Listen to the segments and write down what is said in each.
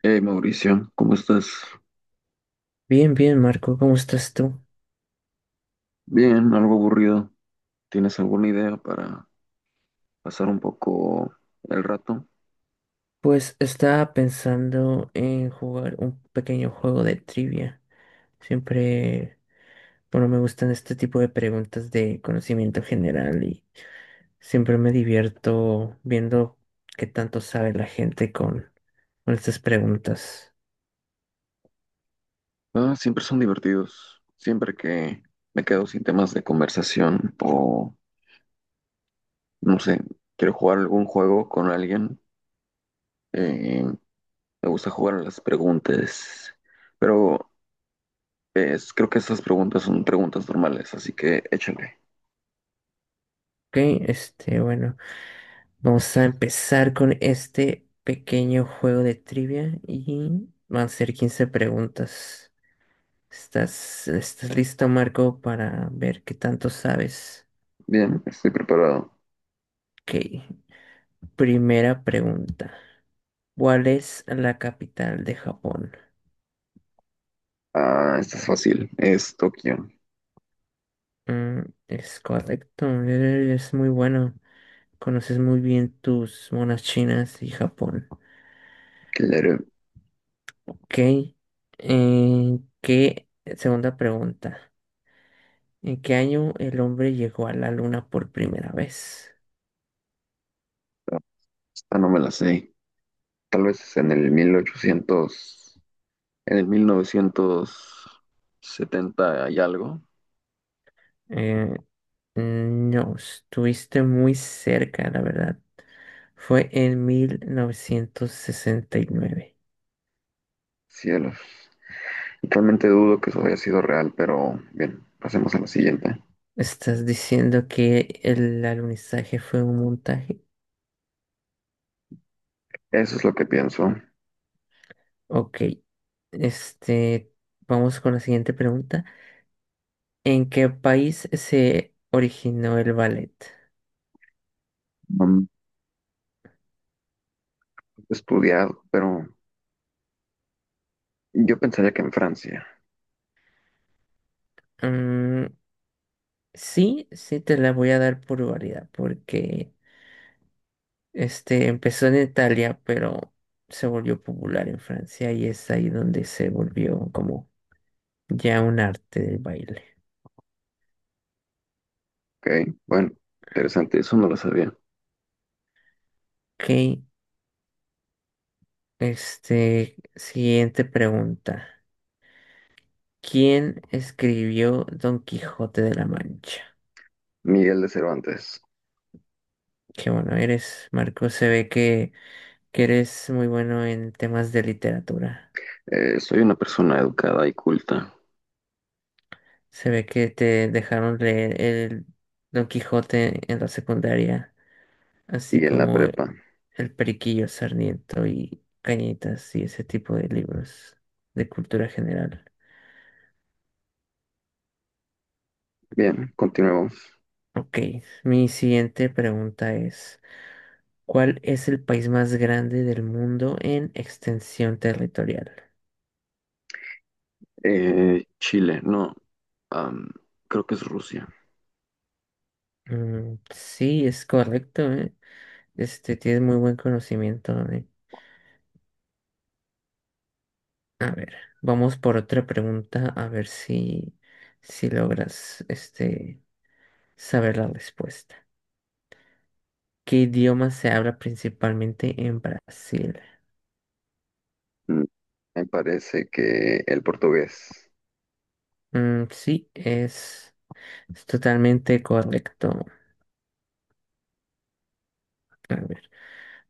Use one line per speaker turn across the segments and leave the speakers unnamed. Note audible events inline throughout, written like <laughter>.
Hey Mauricio, ¿cómo estás?
Bien, bien, Marco, ¿cómo estás tú?
Bien, algo aburrido. ¿Tienes alguna idea para pasar un poco el rato?
Pues estaba pensando en jugar un pequeño juego de trivia. Siempre, bueno, me gustan este tipo de preguntas de conocimiento general y siempre me divierto viendo qué tanto sabe la gente con estas preguntas.
Ah, siempre son divertidos. Siempre que me quedo sin temas de conversación o, no sé, quiero jugar algún juego con alguien, eh, me gusta jugar a las preguntas. Pero es, creo que estas preguntas son preguntas normales, así que échale.
Ok, bueno, vamos a empezar con este pequeño juego de trivia y van a ser 15 preguntas. ¿Estás listo, Marco, para ver qué tanto sabes?
Bien, estoy preparado.
Ok, primera pregunta. ¿Cuál es la capital de Japón?
Ah, esta es fácil. Es Tokio.
Mm, es correcto, es muy bueno. Conoces muy bien tus monas chinas y Japón.
Que ya era-
Ok, ¿qué? Segunda pregunta. ¿En qué año el hombre llegó a la luna por primera vez?
Esta no me la sé. Tal vez en el 1800, en el 1970 hay algo.
Eh, no, estuviste muy cerca, la verdad. Fue en 1969.
Cielos. Realmente dudo que eso haya sido real, pero bien, pasemos a la siguiente.
¿Estás diciendo que el alunizaje fue un montaje?
Eso es lo que pienso.
Ok. Este, Vamos con la siguiente pregunta. ¿En qué país se originó el ballet?
Mm, he estudiado, pero yo pensaría que en Francia.
Mm, sí, sí te la voy a dar por variedad, porque este empezó en Italia, pero se volvió popular en Francia y es ahí donde se volvió como ya un arte del baile.
Ok, bueno, interesante, eso no lo sabía.
Ok, siguiente pregunta. ¿Quién escribió Don Quijote de la Mancha?
Miguel de Cervantes.
Qué bueno eres, Marco. Se ve que eres muy bueno en temas de literatura.
Soy una persona educada y culta.
Se ve que te dejaron leer el Don Quijote en la secundaria, así
Y en la
como
prepa.
El Periquillo Sarmiento y Cañitas y ese tipo de libros de cultura general.
Bien, continuemos.
Ok, mi siguiente pregunta es... ¿Cuál es el país más grande del mundo en extensión territorial?
Chile, no. am, Creo que es Rusia.
Mm, sí, es correcto, ¿eh? Tienes muy buen conocimiento, ¿eh? A ver, vamos por otra pregunta a ver si logras, saber la respuesta. ¿Qué idioma se habla principalmente en Brasil?
Mm, me parece que el portugués.
Mm, sí, es totalmente correcto. A ver,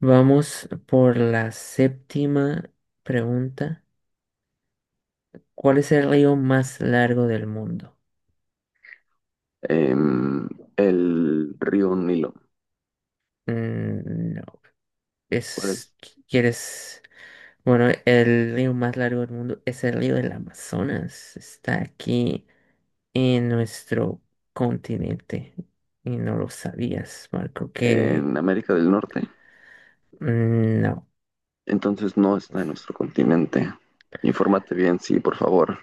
vamos por la séptima pregunta. ¿Cuál es el río más largo del mundo?
em, el río Nilo.
Mm, no,
¿Cuál es?
es, ¿quieres? Bueno, el río más largo del mundo es el río del Amazonas. Está aquí en nuestro continente y no lo sabías, Marco,
En
que
América del Norte.
mm, no,
Entonces no está en nuestro continente. Infórmate bien, sí, por favor.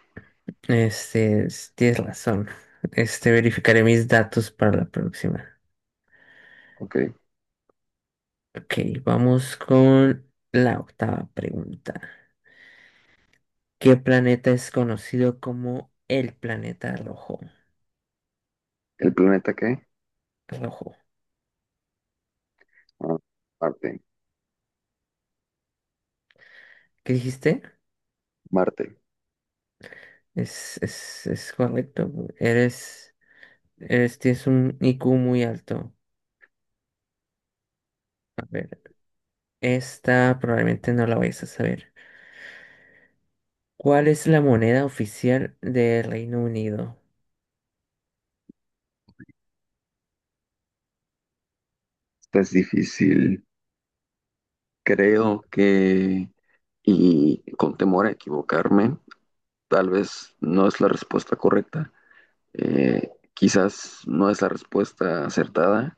tienes razón. <laughs> Verificaré mis datos para la próxima.
Ok.
Ok, vamos con la octava pregunta. ¿Qué planeta es conocido como el planeta rojo?
¿El planeta qué?
Rojo.
Ah, Marte.
¿Qué dijiste?
Marte.
Es correcto. Eres, eres, tienes un IQ muy alto. A ver, esta probablemente no la vayas a saber. ¿Cuál es la moneda oficial del Reino Unido?
Esta es difícil. Creo que, y con temor a equivocarme, tal vez no es la respuesta correcta. Quizás no es la respuesta acertada,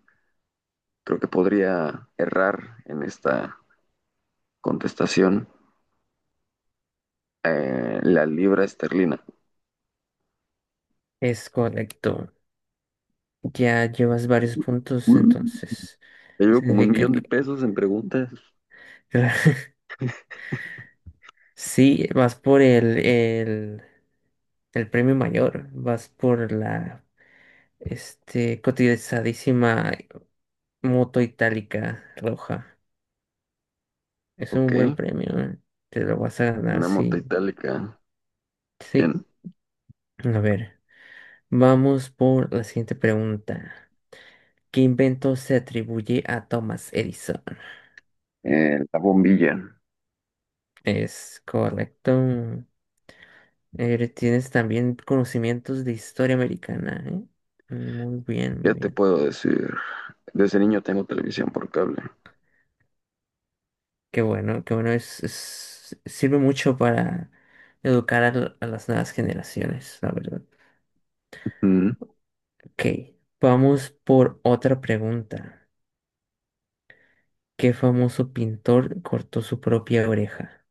creo que podría errar en esta contestación. Eh, la libra esterlina.
Es correcto. Ya llevas varios puntos,
Uh,
entonces
llevo como un
significa
millón de
que
pesos en preguntas.
<laughs> sí, vas por el premio mayor, vas por la cotizadísima moto itálica roja. Es
Ok,
un buen premio, ¿eh? Te lo vas a ganar,
una
sí.
moto itálica.
Sí.
Bien.
A ver, vamos por la siguiente pregunta. ¿Qué invento se atribuye a Thomas Edison?
La bombilla.
Es correcto. Tienes también conocimientos de historia americana, ¿eh? Muy bien, muy
¿Qué te
bien.
puedo decir? Desde niño tengo televisión por cable.
Qué bueno, qué bueno. Sirve mucho para educar a las nuevas generaciones, la verdad.
Mm.
Ok, vamos por otra pregunta. ¿Qué famoso pintor cortó su propia oreja?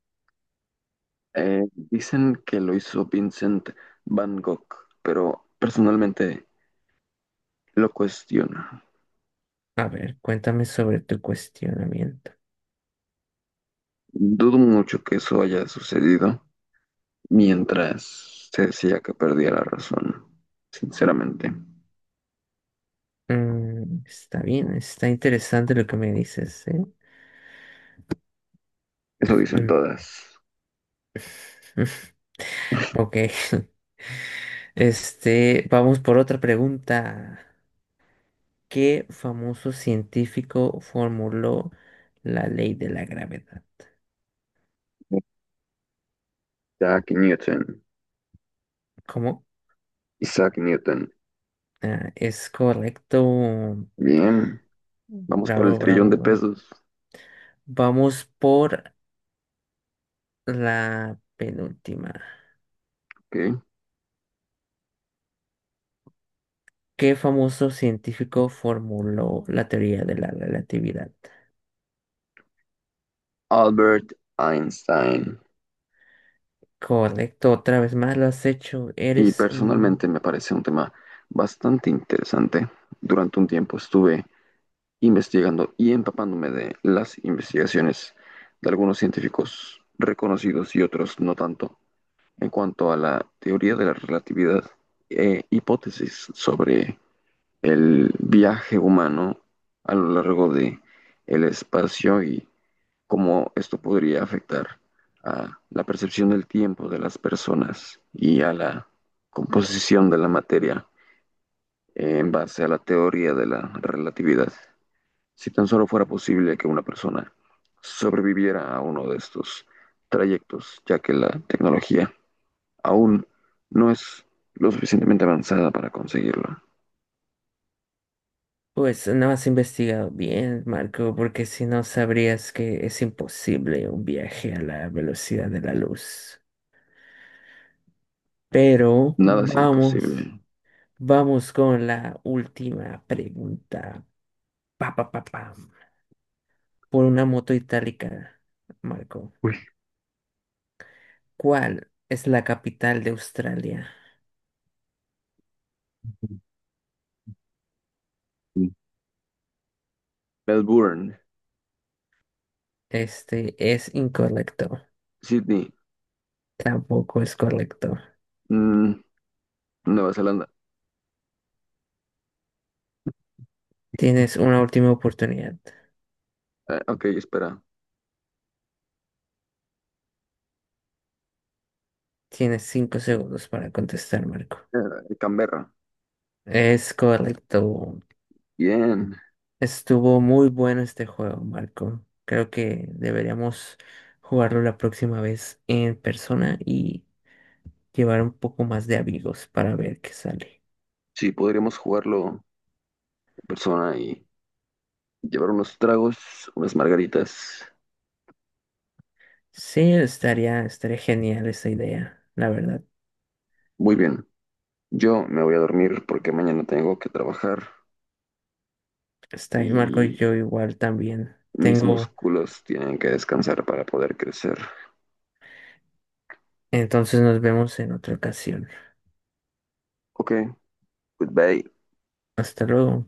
Dicen que lo hizo Vincent Van Gogh, pero personalmente lo cuestiono.
A ver, cuéntame sobre tu cuestionamiento.
Dudo mucho que eso haya sucedido, mientras se decía que perdía la razón, sinceramente.
Mm, está bien, está interesante lo que me dices, ¿eh?
Eso dicen
Mm.
todas.
<laughs> Ok. <laughs> Vamos por otra pregunta. ¿Qué famoso científico formuló la ley de la gravedad?
Isaac Newton.
¿Cómo?
Isaac Newton.
Ah, es correcto.
Bien, vamos por el
Bravo,
trillón
bravo.
de pesos,
Vamos por la penúltima.
¿ok?
¿Qué famoso científico formuló la teoría de la relatividad?
Albert Einstein.
Correcto, otra vez más lo has hecho.
Y personalmente me parece un tema bastante interesante. Durante un tiempo estuve investigando y empapándome de las investigaciones de algunos científicos reconocidos y otros no tanto en cuanto a la teoría de la relatividad e hipótesis sobre el viaje humano a lo largo de el espacio y cómo esto podría afectar a la percepción del tiempo de las personas y a la composición de la materia en base a la teoría de la relatividad. Si tan solo fuera posible que una persona sobreviviera a uno de estos trayectos, ya que la tecnología aún no es lo suficientemente avanzada para conseguirlo.
Pues, no has investigado bien, Marco, porque si no sabrías que es imposible un viaje a la velocidad de la luz. Pero
Nada es
vamos,
imposible.
vamos con la última pregunta. Pa, pa, pa, pam. Por una moto itálica, Marco.
Uy.
¿Cuál es la capital de Australia?
Melbourne.
Este es incorrecto.
Sydney.
Tampoco es correcto.
Mm, Nueva Zelanda.
Tienes una última oportunidad.
Ok, espera.
Tienes cinco segundos para contestar, Marco.
Canberra.
Es correcto.
Bien.
Estuvo muy bueno este juego, Marco. Creo que deberíamos jugarlo la próxima vez en persona y llevar un poco más de amigos para ver qué sale.
Sí, podríamos jugarlo en persona y llevar unos tragos, unas margaritas.
Sí, estaría genial esa idea, la verdad.
Muy bien. Yo me voy a dormir porque mañana tengo que trabajar,
Está bien, Marco,
y
yo igual también
mis
tengo.
músculos tienen que descansar para poder crecer.
Entonces nos vemos en otra ocasión.
Ok, goodbye.
Hasta luego.